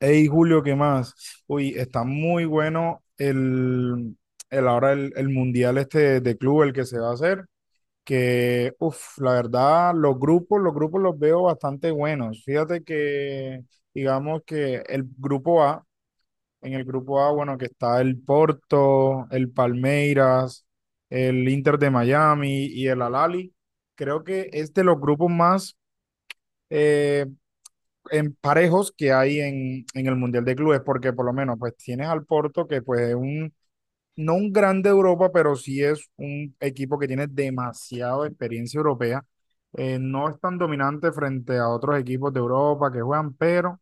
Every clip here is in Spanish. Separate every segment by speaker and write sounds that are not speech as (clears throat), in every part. Speaker 1: Hey Julio, ¿qué más? Uy, está muy bueno el mundial este de club, el que se va a hacer, que, uff, la verdad, los grupos los veo bastante buenos. Fíjate que, digamos que el grupo A, en el grupo A, bueno, que está el Porto, el Palmeiras, el Inter de Miami y el Al Ahly, creo que es de los grupos más... eh, en parejos que hay en el Mundial de Clubes, porque por lo menos pues tienes al Porto que pues es un, no un grande de Europa, pero sí es un equipo que tiene demasiada experiencia europea. No es tan dominante frente a otros equipos de Europa que juegan, pero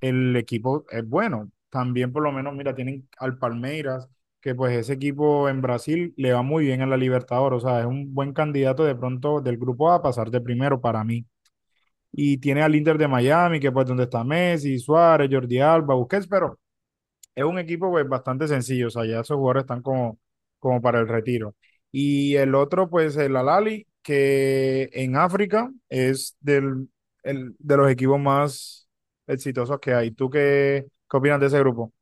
Speaker 1: el equipo es bueno. También por lo menos, mira, tienen al Palmeiras, que pues ese equipo en Brasil le va muy bien en la Libertadores, o sea, es un buen candidato de pronto del grupo A a pasar de primero para mí. Y tiene al Inter de Miami, que pues donde está Messi, Suárez, Jordi Alba, Busquets, pero es un equipo pues bastante sencillo, o sea, ya esos jugadores están como, como para el retiro. Y el otro pues el Alali, que en África es del, de los equipos más exitosos que hay. ¿Tú qué, qué opinas de ese grupo?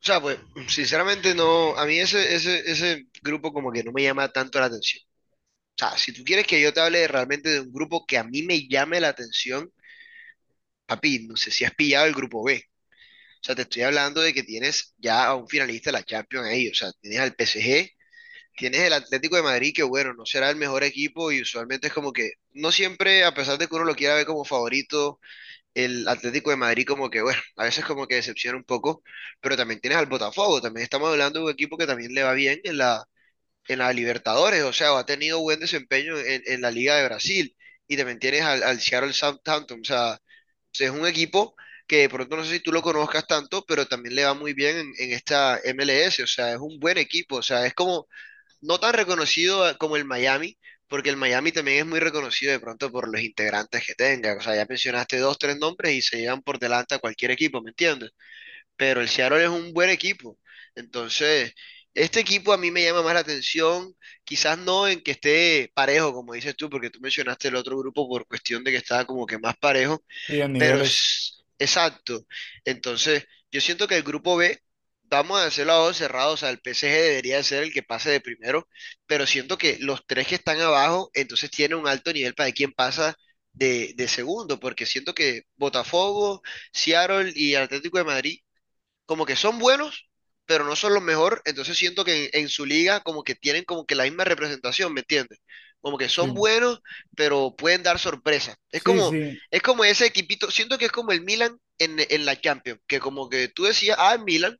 Speaker 2: O sea, pues, sinceramente no, a mí ese grupo como que no me llama tanto la atención. O sea, si tú quieres que yo te hable realmente de un grupo que a mí me llame la atención, papi, no sé si has pillado el grupo B. O sea, te estoy hablando de que tienes ya a un finalista de la Champions ahí. O sea, tienes al PSG, tienes el Atlético de Madrid, que bueno, no será el mejor equipo y usualmente es como que no siempre, a pesar de que uno lo quiera ver como favorito, el Atlético de Madrid como que, bueno, a veces como que decepciona un poco, pero también tienes al Botafogo, también estamos hablando de un equipo que también le va bien en la Libertadores, o sea, o ha tenido buen desempeño en la Liga de Brasil, y también tienes al Seattle Southampton, o sea, es un equipo que de pronto no sé si tú lo conozcas tanto, pero también le va muy bien en esta MLS, o sea, es un buen equipo, o sea, es como no tan reconocido como el Miami, porque el Miami también es muy reconocido de pronto por los integrantes que tenga. O sea, ya mencionaste dos, tres nombres y se llevan por delante a cualquier equipo, ¿me entiendes? Pero el Seattle es un buen equipo. Entonces, este equipo a mí me llama más la atención, quizás no en que esté parejo, como dices tú, porque tú mencionaste el otro grupo por cuestión de que estaba como que más parejo,
Speaker 1: Y en
Speaker 2: pero
Speaker 1: niveles,
Speaker 2: es exacto. Entonces, yo siento que el grupo B, vamos a hacer a dos cerrados, o sea, el PSG debería ser el que pase de primero, pero siento que los tres que están abajo, entonces tienen un alto nivel para quien pasa de segundo, porque siento que Botafogo, Seattle y Atlético de Madrid como que son buenos, pero no son los mejores, entonces siento que en su liga como que tienen como que la misma representación, ¿me entiendes? Como que son
Speaker 1: sí.
Speaker 2: buenos, pero pueden dar sorpresa.
Speaker 1: Sí, sí.
Speaker 2: Es como ese equipito, siento que es como el Milan en la Champions, que como que tú decías, ah, el Milan,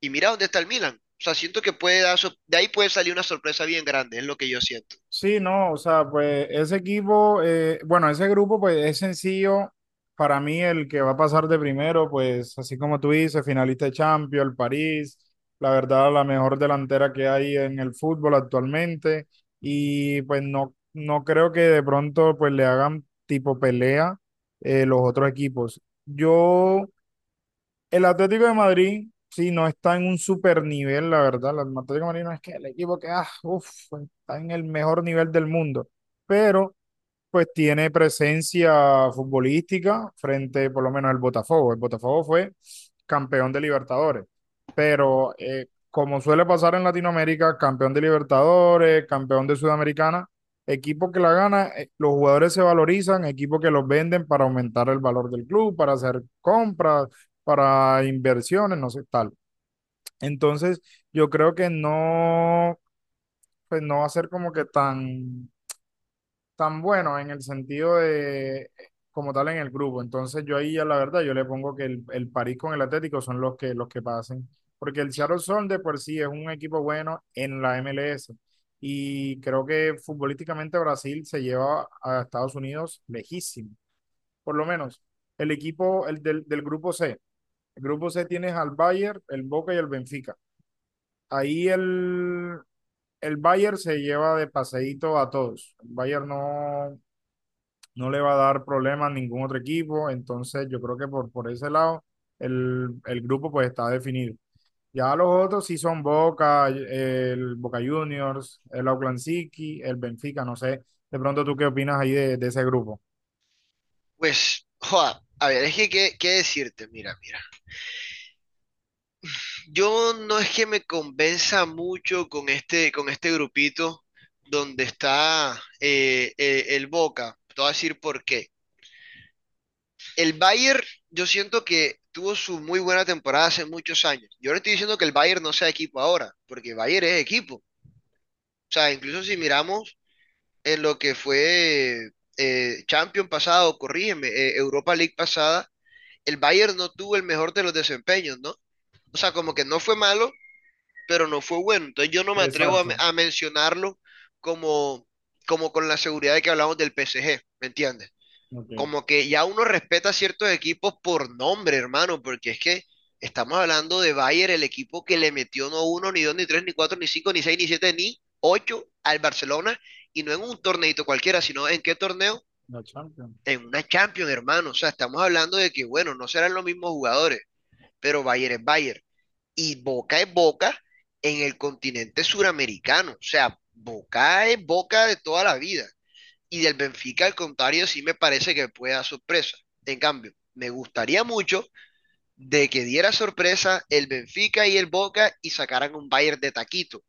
Speaker 2: y mira dónde está el Milan. O sea, siento que puede dar, de ahí puede salir una sorpresa bien grande, es lo que yo siento.
Speaker 1: Sí, no, o sea, pues ese equipo, bueno, ese grupo, pues es sencillo. Para mí, el que va a pasar de primero, pues así como tú dices, finalista de Champions, el París, la verdad, la mejor delantera que hay en el fútbol actualmente. Y pues no, no creo que de pronto pues le hagan tipo pelea los otros equipos. Yo el Atlético de Madrid, sí, no está en un super nivel, la verdad. El Atlético de Madrid no es que el equipo que, ah, uf, está en el mejor nivel del mundo. Pero pues tiene presencia futbolística frente por lo menos al Botafogo. El Botafogo fue campeón de Libertadores, pero como suele pasar en Latinoamérica, campeón de Libertadores, campeón de Sudamericana, equipo que la gana, los jugadores se valorizan, equipo que los venden para aumentar el valor del club, para hacer compras, para inversiones, no sé, tal. Entonces, yo creo que no, pues no va a ser como que tan bueno en el sentido de como tal en el grupo. Entonces yo ahí ya la verdad yo le pongo que el París con el Atlético son los que pasen, porque el Seattle Sound de por sí es un equipo bueno en la MLS y creo que futbolísticamente Brasil se lleva a Estados Unidos lejísimo. Por lo menos el equipo el del grupo C. El grupo C tienes al Bayern, el Boca y el Benfica. Ahí el Bayern se lleva de paseíto a todos. El Bayern no, no le va a dar problemas a ningún otro equipo, entonces yo creo que por ese lado el grupo pues está definido. Ya los otros sí son Boca, el Boca Juniors, el Auckland City, el Benfica, no sé, de pronto tú qué opinas ahí de ese grupo.
Speaker 2: Pues, joda, a ver, es que, ¿qué, qué decirte? Mira, mira. Yo no es que me convenza mucho con este grupito donde está el Boca. Te voy a decir por qué. El Bayern, yo siento que tuvo su muy buena temporada hace muchos años. Yo no estoy diciendo que el Bayern no sea equipo ahora, porque el Bayern es equipo. O sea, incluso si miramos en lo que fue Champions pasado, corrígeme, Europa League pasada, el Bayern no tuvo el mejor de los desempeños, ¿no? O sea, como que no fue malo, pero no fue bueno. Entonces yo no me atrevo a,
Speaker 1: Exacto.
Speaker 2: a mencionarlo como, como con la seguridad de que hablamos del PSG, ¿me entiendes?
Speaker 1: Ok.
Speaker 2: Como que ya uno respeta ciertos equipos por nombre, hermano, porque es que estamos hablando de Bayern, el equipo que le metió no uno, ni dos, ni tres, ni cuatro, ni cinco, ni seis, ni siete, ni ocho al Barcelona, y no en un torneito cualquiera, sino en qué torneo,
Speaker 1: La Champions.
Speaker 2: en una Champions, hermano. O sea, estamos hablando de que, bueno, no serán los mismos jugadores, pero Bayern es Bayern y Boca es Boca en el continente suramericano. O sea, Boca es Boca de toda la vida. Y del Benfica, al contrario, sí me parece que puede dar sorpresa. En cambio, me gustaría mucho de que diera sorpresa el Benfica y el Boca y sacaran un Bayern de taquito.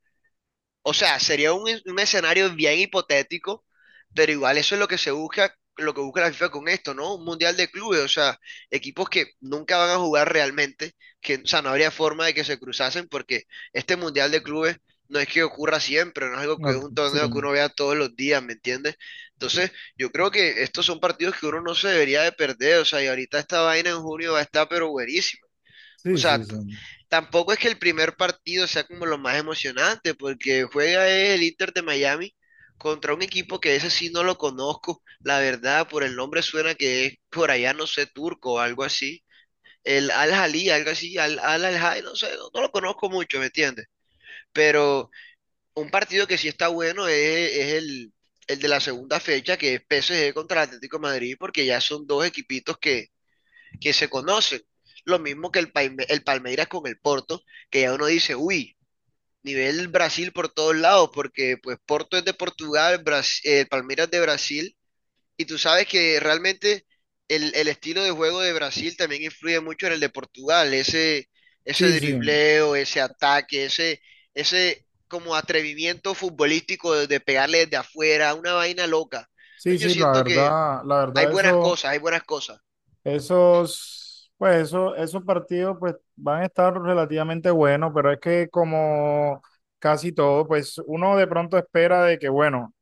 Speaker 2: O sea, sería un escenario bien hipotético, pero igual eso es lo que se busca, lo que busca la FIFA con esto, ¿no? Un mundial de clubes, o sea, equipos que nunca van a jugar realmente, que, o sea, no habría forma de que se cruzasen porque este mundial de clubes no es que ocurra siempre, no es algo que es
Speaker 1: Ok.
Speaker 2: un torneo que
Speaker 1: Sí,
Speaker 2: uno vea todos los días, ¿me entiendes? Entonces, yo creo que estos son partidos que uno no se debería de perder, o sea, y ahorita esta vaina en junio va a estar pero buenísima. O
Speaker 1: sí, sí,
Speaker 2: sea,
Speaker 1: sí.
Speaker 2: tampoco es que el primer partido sea como lo más emocionante, porque juega el Inter de Miami contra un equipo que ese sí no lo conozco. La verdad, por el nombre suena que es por allá, no sé, turco o algo así. El Al-Ahly, algo así, Al-Ahly, Al Al-Ahly, no sé, no, no lo conozco mucho, ¿me entiendes? Pero un partido que sí está bueno es el de la segunda fecha, que es PSG contra el Atlético de Madrid, porque ya son dos equipitos que se conocen. Lo mismo que el, el Palmeiras con el Porto, que ya uno dice, uy, nivel Brasil por todos lados, porque pues Porto es de Portugal, Palmeiras es de Brasil, y tú sabes que realmente el estilo de juego de Brasil también influye mucho en el de Portugal, ese
Speaker 1: Sí, sí.
Speaker 2: dribleo, ese ataque, ese como atrevimiento futbolístico de pegarle desde afuera, una vaina loca.
Speaker 1: Sí,
Speaker 2: Entonces, yo
Speaker 1: sí,
Speaker 2: siento que
Speaker 1: la
Speaker 2: hay
Speaker 1: verdad
Speaker 2: buenas
Speaker 1: eso.
Speaker 2: cosas, hay buenas cosas.
Speaker 1: Esos, pues eso, esos partidos pues van a estar relativamente buenos, pero es que como casi todo, pues uno de pronto espera de que, bueno,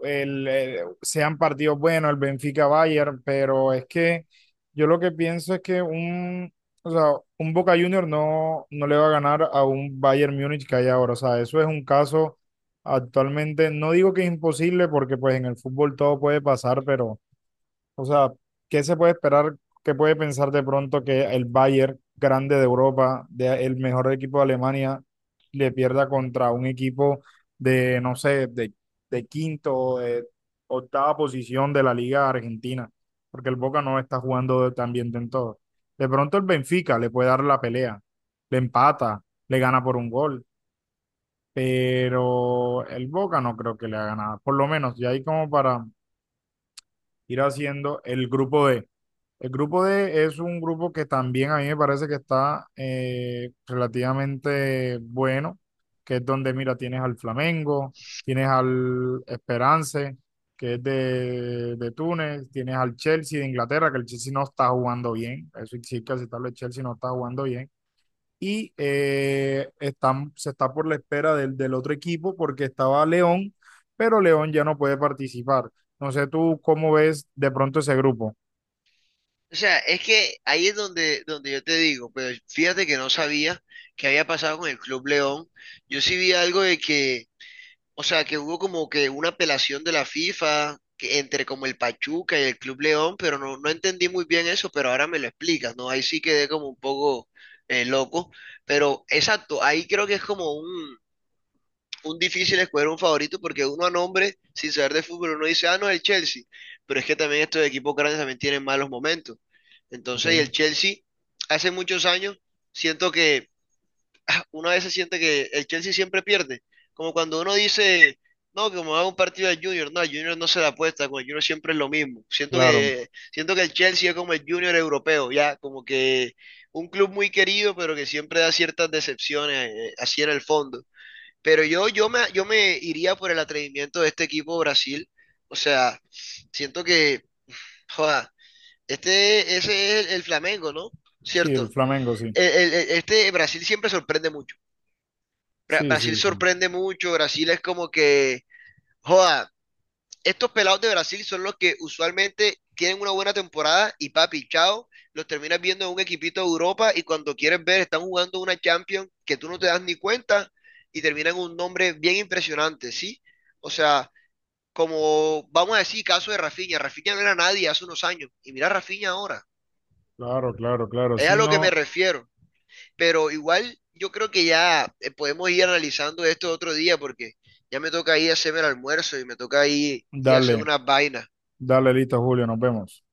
Speaker 1: sean partidos buenos, el Benfica-Bayern, pero es que yo lo que pienso es que un, o sea, un Boca Junior no, no le va a ganar a un Bayern Múnich que hay ahora, o sea, eso es un caso actualmente, no digo que es imposible porque pues en el fútbol todo puede pasar, pero o sea, ¿qué se puede esperar? ¿Qué puede pensar de pronto que el Bayern, grande de Europa, el mejor equipo de Alemania, le pierda contra un equipo de, no sé, de quinto o de octava posición de la Liga Argentina? Porque el Boca no está jugando tan bien de en todo. De pronto el Benfica le puede dar la pelea, le empata, le gana por un gol, pero el Boca no creo que le haga nada. Por lo menos, ya hay como para ir haciendo el grupo D. El grupo D es un grupo que también a mí me parece que está relativamente bueno, que es donde, mira, tienes al Flamengo, tienes al Esperance, que es de Túnez, tienes al Chelsea de Inglaterra, que el Chelsea no está jugando bien, eso sí hay que aceptarlo, el Chelsea no está jugando bien, y se está por la espera del otro equipo porque estaba León, pero León ya no puede participar. No sé tú cómo ves de pronto ese grupo.
Speaker 2: O sea, es que ahí es donde, donde yo te digo, pero fíjate que no sabía qué había pasado con el Club León. Yo sí vi algo de que, o sea, que hubo como que una apelación de la FIFA que entre como el Pachuca y el Club León, pero no, no entendí muy bien eso, pero ahora me lo explicas, ¿no? Ahí sí quedé como un poco loco, pero exacto, ahí creo que es como un difícil escoger un favorito porque uno a nombre, sin saber de fútbol, uno dice, ah, no, el Chelsea. Pero es que también estos equipos grandes también tienen malos momentos. Entonces, y el
Speaker 1: Ok.
Speaker 2: Chelsea, hace muchos años, siento que (clears throat) ah, uno a veces siente que el Chelsea siempre pierde. Como cuando uno dice, no, que como hago un partido de Junior, no, el Junior no se da apuesta, con el Junior siempre es lo mismo.
Speaker 1: Claro.
Speaker 2: Siento que el Chelsea es como el Junior europeo, ya, como que un club muy querido, pero que siempre da ciertas decepciones, así en el fondo. Pero yo, yo me iría por el atrevimiento de este equipo Brasil. O sea, siento que, joda, este, ese es el Flamengo, ¿no?
Speaker 1: Sí, el
Speaker 2: ¿Cierto?
Speaker 1: Flamengo, sí.
Speaker 2: Este Brasil siempre sorprende mucho.
Speaker 1: Sí,
Speaker 2: Brasil
Speaker 1: sí, sí.
Speaker 2: sorprende mucho, Brasil es como que, joda, estos pelados de Brasil son los que usualmente tienen una buena temporada y papi, chao, los terminas viendo en un equipito de Europa y cuando quieres ver están jugando una Champions que tú no te das ni cuenta y terminan un nombre bien impresionante, ¿sí? O sea, como vamos a decir, caso de Rafinha, Rafinha no era nadie hace unos años y mira a Rafinha ahora,
Speaker 1: Claro, claro, claro.
Speaker 2: es a
Speaker 1: Si
Speaker 2: lo que me
Speaker 1: no,
Speaker 2: refiero, pero igual yo creo que ya podemos ir analizando esto otro día porque ya me toca ir a hacerme el almuerzo y me toca ir, ir a hacer
Speaker 1: dale,
Speaker 2: unas vainas.
Speaker 1: dale listo, Julio, nos vemos.